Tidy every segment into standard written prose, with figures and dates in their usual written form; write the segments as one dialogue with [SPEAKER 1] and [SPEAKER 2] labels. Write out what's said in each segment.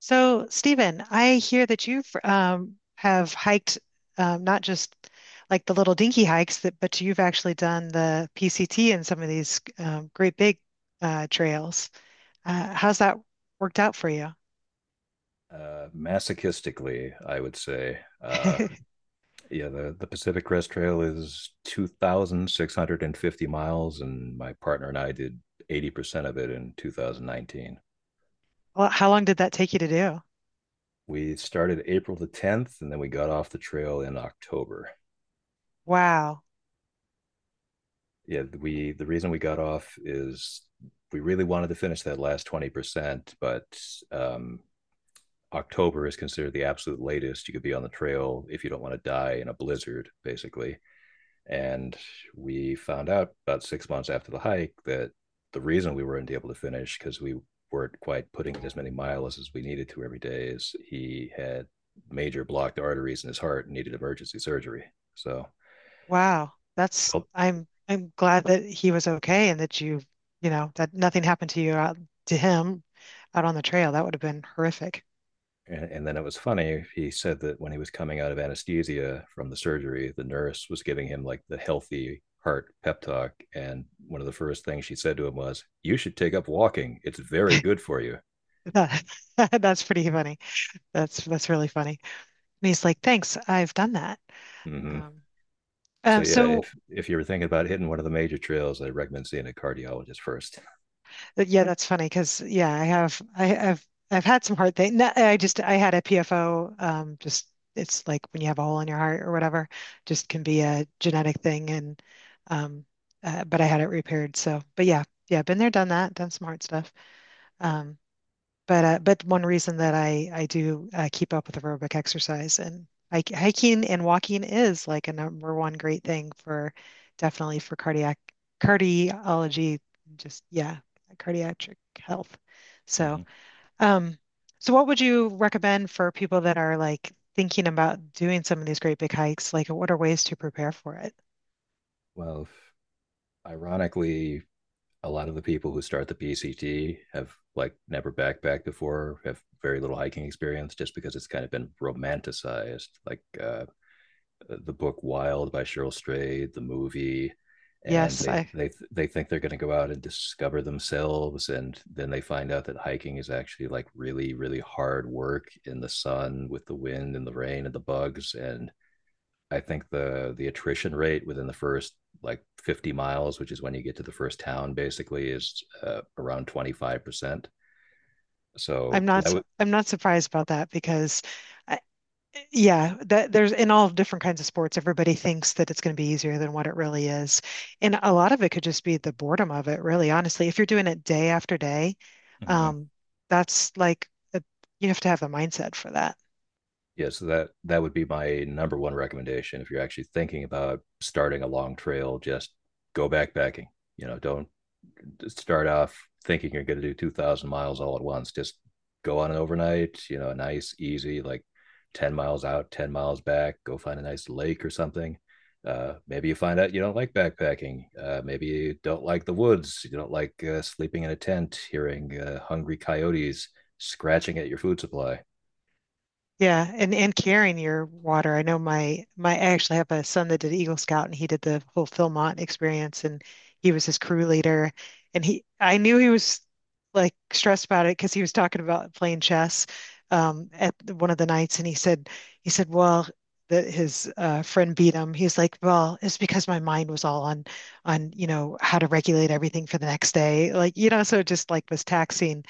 [SPEAKER 1] So, Stephen, I hear that you've have hiked not just like the little dinky hikes, that, but you've actually done the PCT and some of these great big trails. How's that worked out for you?
[SPEAKER 2] Masochistically, I would say. Uh, yeah, the, the Pacific Crest Trail is 2,650 miles, and my partner and I did 80% of it in 2019.
[SPEAKER 1] Well, how long did that take you to do?
[SPEAKER 2] We started April the 10th, and then we got off the trail in October.
[SPEAKER 1] Wow,
[SPEAKER 2] Yeah, we the reason we got off is we really wanted to finish that last 20%, but um, October is considered the absolute latest you could be on the trail if you don't want to die in a blizzard, basically. And we found out about 6 months after the hike that the reason we weren't able to finish, because we weren't quite putting in as many miles as we needed to every day, is he had major blocked arteries in his heart and needed emergency surgery. So
[SPEAKER 1] wow. That's
[SPEAKER 2] felt
[SPEAKER 1] I'm glad that he was okay and that you know that nothing happened to you out to him out on the trail. That would have been horrific.
[SPEAKER 2] then it was funny. He said that when he was coming out of anesthesia from the surgery, the nurse was giving him like the healthy heart pep talk. And one of the first things she said to him was, "You should take up walking. It's very good for you."
[SPEAKER 1] That That's pretty funny. That's really funny. And he's like, "Thanks, I've done that."
[SPEAKER 2] Mm-hmm.
[SPEAKER 1] Um,
[SPEAKER 2] So
[SPEAKER 1] uh,
[SPEAKER 2] yeah,
[SPEAKER 1] so
[SPEAKER 2] if you're thinking about hitting one of the major trails, I recommend seeing a cardiologist 1st.
[SPEAKER 1] yeah, that's funny because yeah, I've had some hard things. I had a PFO. Just it's like when you have a hole in your heart or whatever, just can be a genetic thing. And um, but I had it repaired. So, but yeah, yeah, been there, done that, done some hard stuff. Um, but one reason that I do keep up with aerobic exercise and hiking and walking is like a number one great thing for definitely for cardiac cardiology, just yeah, cardiac health. So
[SPEAKER 2] Mhm.
[SPEAKER 1] um, so what would you recommend for people that are like thinking about doing some of these great big hikes? Like, what are ways to prepare for it?
[SPEAKER 2] Well, ironically, a lot of the people who start the PCT have like never backpacked before, have very little hiking experience, just because it's kind of been romanticized. The book Wild by Cheryl Strayed, the movie, and
[SPEAKER 1] Yes,
[SPEAKER 2] they they they think they're going to go out and discover themselves, and then they find out that hiking is actually like really really hard work in the sun with the wind and the rain and the bugs. And I think the attrition rate within the first like 50 miles, which is when you get to the first town, basically is around 25%. So that would.
[SPEAKER 1] I'm not surprised about that. Because. I, yeah, that there's in all different kinds of sports, everybody thinks that it's going to be easier than what it really is. And a lot of it could just be the boredom of it, really, honestly. If you're doing it day after day,
[SPEAKER 2] Mm-hmm.
[SPEAKER 1] um, that's like a, you have to have the mindset for that.
[SPEAKER 2] Yeah, so that that would be my number one recommendation if you're actually thinking about starting a long trail, just go backpacking. You know, don't start off thinking you're going to do 2000 miles all at once. Just go on an overnight, you know, a nice easy like 10 miles out, 10 miles back, go find a nice lake or something. Maybe you find out you don't like backpacking. Maybe you don't like the woods. You don't like sleeping in a tent, hearing hungry coyotes scratching at your food supply.
[SPEAKER 1] Yeah, and carrying your water. I know my my I actually have a son that did Eagle Scout, and he did the whole Philmont experience, and he was his crew leader. And he I knew he was like stressed about it because he was talking about playing chess at one of the nights, and he said well that his friend beat him. He's like, well, it's because my mind was all on how to regulate everything for the next day. Like, so it just like was taxing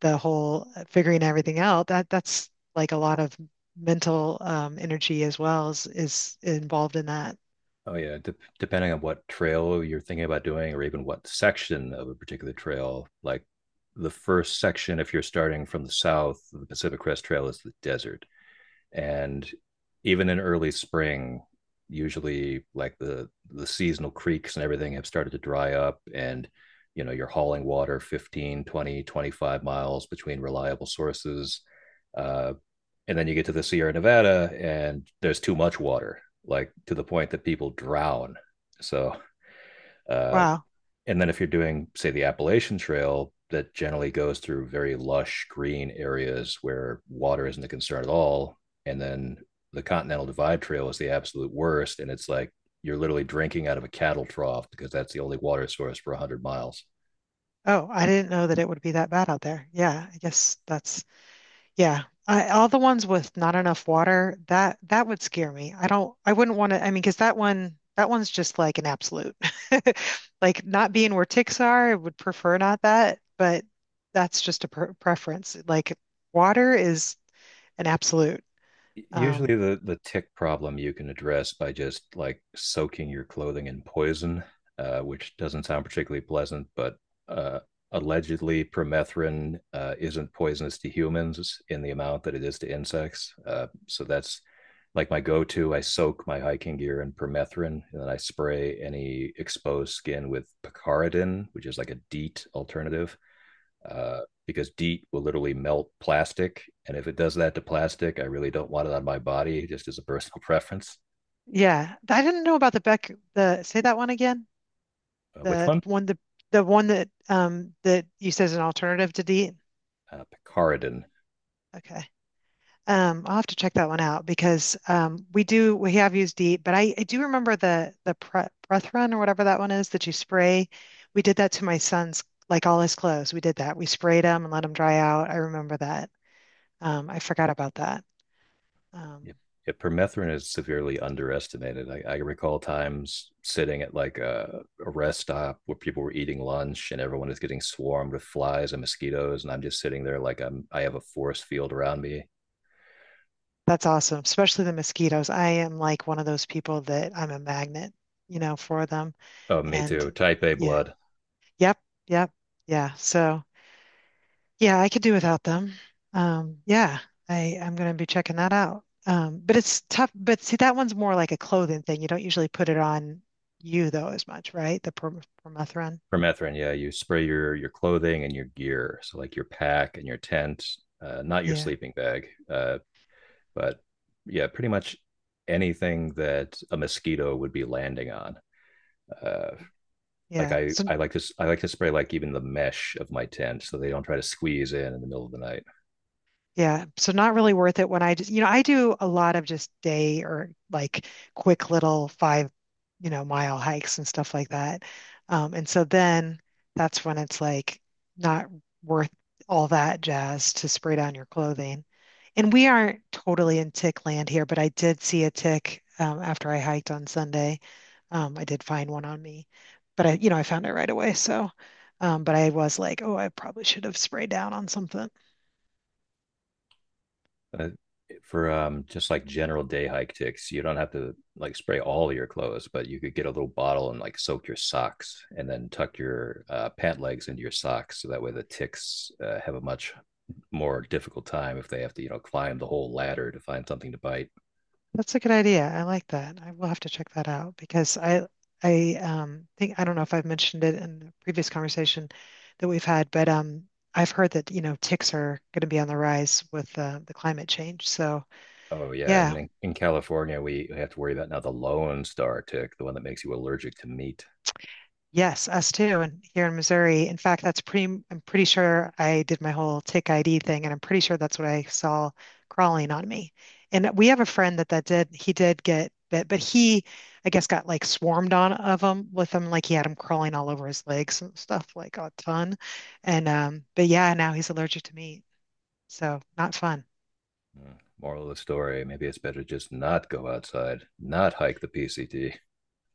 [SPEAKER 1] the whole figuring everything out. That's like a lot of mental energy as well is involved in that.
[SPEAKER 2] Oh yeah, depending on what trail you're thinking about doing, or even what section of a particular trail. Like the first section, if you're starting from the south, the Pacific Crest Trail is the desert, and even in early spring, usually like the seasonal creeks and everything have started to dry up, and you know you're hauling water 15, 20, 25 miles between reliable sources. Uh, and then you get to the Sierra Nevada, and there's too much water, like to the point that people drown. So, uh,
[SPEAKER 1] Wow.
[SPEAKER 2] and then if you're doing, say, the Appalachian Trail, that generally goes through very lush green areas where water isn't a concern at all. And then the Continental Divide Trail is the absolute worst. And it's like you're literally drinking out of a cattle trough because that's the only water source for 100 miles.
[SPEAKER 1] Oh, I didn't know that it would be that bad out there. Yeah, I guess that's yeah. All the ones with not enough water, that that would scare me. I wouldn't want to, I mean, because that one's just like an absolute. Like, not being where ticks are, I would prefer not that, but that's just a preference. Like, water is an absolute. Um,
[SPEAKER 2] Usually the tick problem you can address by just like soaking your clothing in poison, which doesn't sound particularly pleasant, but uh, allegedly permethrin isn't poisonous to humans in the amount that it is to insects. So that's like my go-to. I soak my hiking gear in permethrin, and then I spray any exposed skin with picaridin, which is like a DEET alternative, uh, because DEET will literally melt plastic. And if it does that to plastic, I really don't want it on my body, just as a personal preference.
[SPEAKER 1] yeah, I didn't know about the Beck, the— say that one again.
[SPEAKER 2] Which
[SPEAKER 1] The
[SPEAKER 2] one?
[SPEAKER 1] one the the one that that you said is an alternative to DEET?
[SPEAKER 2] Picaridin.
[SPEAKER 1] Okay. I'll have to check that one out because we have used DEET, but I do remember the pre breath run or whatever that one is that you spray. We did that to my son's, like, all his clothes. We did that. We sprayed them and let them dry out. I remember that. I forgot about that. Um,
[SPEAKER 2] Yep. Yep, permethrin is severely underestimated. I recall times sitting at like a rest stop where people were eating lunch and everyone is getting swarmed with flies and mosquitoes, and I'm just sitting there like I have a force field around me.
[SPEAKER 1] that's awesome, especially the mosquitoes. I am like one of those people that I'm a magnet, for them.
[SPEAKER 2] Oh, me
[SPEAKER 1] And
[SPEAKER 2] too. Type A
[SPEAKER 1] yeah.
[SPEAKER 2] blood.
[SPEAKER 1] Yep, yep, yeah. So, yeah, I could do without them. Yeah, I'm gonna be checking that out. But it's tough. But see, that one's more like a clothing thing. You don't usually put it on you though as much, right? The permethrin.
[SPEAKER 2] Permethrin, yeah, you spray your clothing and your gear, so like your pack and your tent, not your
[SPEAKER 1] Yeah,
[SPEAKER 2] sleeping bag, but yeah, pretty much anything that a mosquito would be landing on. Uh, like
[SPEAKER 1] yeah.
[SPEAKER 2] I,
[SPEAKER 1] So,
[SPEAKER 2] I like to s- I like to spray like even the mesh of my tent so they don't try to squeeze in the middle of the night.
[SPEAKER 1] yeah, so not really worth it when I do a lot of just day or like quick little five, mile hikes and stuff like that. And so then that's when it's like not worth all that jazz to spray down your clothing. And we aren't totally in tick land here, but I did see a tick after I hiked on Sunday. I did find one on me, but I found it right away. So, but I was like, oh, I probably should have sprayed down on something.
[SPEAKER 2] uh, for just like general day hike ticks, you don't have to like spray all of your clothes, but you could get a little bottle and like soak your socks and then tuck your pant legs into your socks so that way the ticks have a much more difficult time. If they have to, you know, climb the whole ladder to find something to bite.
[SPEAKER 1] That's a good idea. I like that. I will have to check that out because I think I don't know if I've mentioned it in the previous conversation that we've had, but I've heard that, ticks are going to be on the rise with the climate change. So,
[SPEAKER 2] Oh yeah, and
[SPEAKER 1] yeah.
[SPEAKER 2] in California we have to worry about now the lone star tick, the one that makes you allergic to meat.
[SPEAKER 1] Yes, us too, and here in Missouri. In fact, I'm pretty sure I did my whole tick ID thing, and I'm pretty sure that's what I saw crawling on me. And we have a friend that did, he did get bit, but he, I guess, got like swarmed on of them with them, like he had them crawling all over his legs and stuff, like a ton. And but yeah, now he's allergic to meat, so not fun.
[SPEAKER 2] Mm. Moral of the story, maybe it's better just not go outside, not hike the PCT.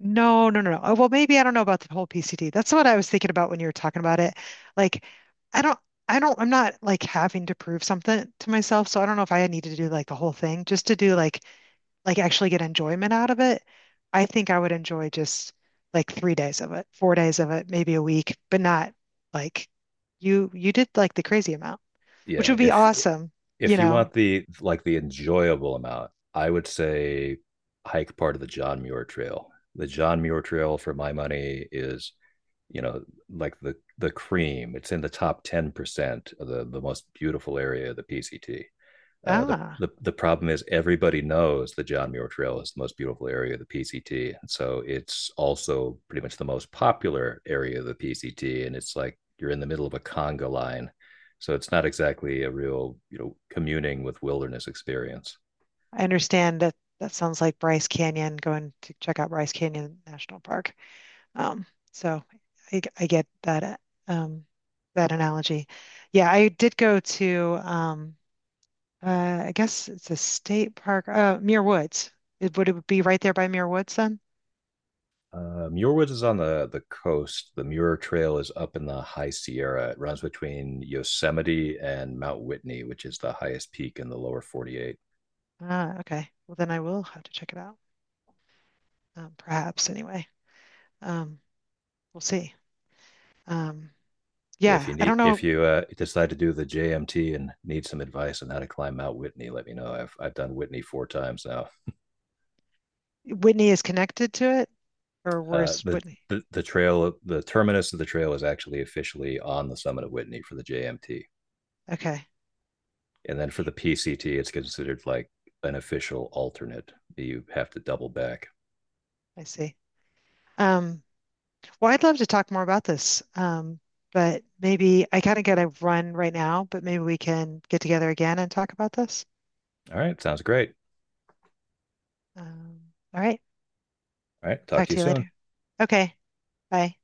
[SPEAKER 1] No, no, no, no. Oh, well, maybe I don't know about the whole PCD. That's what I was thinking about when you were talking about it. Like, I don't, I'm not like having to prove something to myself. So I don't know if I need to do like the whole thing just to do like, actually get enjoyment out of it. I think I would enjoy just like 3 days of it, 4 days of it, maybe a week, but not like you did like the crazy amount, which
[SPEAKER 2] yeah
[SPEAKER 1] would be
[SPEAKER 2] if
[SPEAKER 1] awesome, you
[SPEAKER 2] if you
[SPEAKER 1] know?
[SPEAKER 2] want the like the enjoyable amount, I would say hike part of the John Muir Trail. The John Muir Trail, for my money, is, you know, like the cream. It's in the top 10% of the most beautiful area of the PCT. Uh, the,
[SPEAKER 1] Ah,
[SPEAKER 2] the the problem is everybody knows the John Muir Trail is the most beautiful area of the PCT, and so it's also pretty much the most popular area of the PCT. And it's like you're in the middle of a conga line, so it's not exactly a real, you know, communing with wilderness experience.
[SPEAKER 1] I understand that that sounds like Bryce Canyon, going to check out Bryce Canyon National Park. Um, so I get that um, that analogy. Yeah, I did go to I guess it's a state park, Muir Woods. It, would it be right there by Muir Woods then?
[SPEAKER 2] Muir Woods is on the coast. The Muir Trail is up in the High Sierra. It runs between Yosemite and Mount Whitney, which is the highest peak in the lower 48.
[SPEAKER 1] Ah, okay. Well, then I will have to check it out. Perhaps anyway. Um, we'll see. Um,
[SPEAKER 2] If you
[SPEAKER 1] yeah, I
[SPEAKER 2] need,
[SPEAKER 1] don't
[SPEAKER 2] if
[SPEAKER 1] know.
[SPEAKER 2] you decide to do the JMT and need some advice on how to climb Mount Whitney, let me know. I've done Whitney 4 times now.
[SPEAKER 1] Whitney is connected to it, or
[SPEAKER 2] Uh,
[SPEAKER 1] where's
[SPEAKER 2] the,
[SPEAKER 1] Whitney?
[SPEAKER 2] the trail, the terminus of the trail is actually officially on the summit of Whitney for the JMT,
[SPEAKER 1] Okay,
[SPEAKER 2] and then for the PCT, it's considered like an official alternate. You have to double back.
[SPEAKER 1] I see. Um, Well, I'd love to talk more about this, but maybe I kind of got to run right now, but maybe we can get together again and talk about this.
[SPEAKER 2] All right, sounds great.
[SPEAKER 1] Um, all right.
[SPEAKER 2] All right. Talk
[SPEAKER 1] Talk
[SPEAKER 2] to you
[SPEAKER 1] to you
[SPEAKER 2] soon.
[SPEAKER 1] later. Okay. Bye.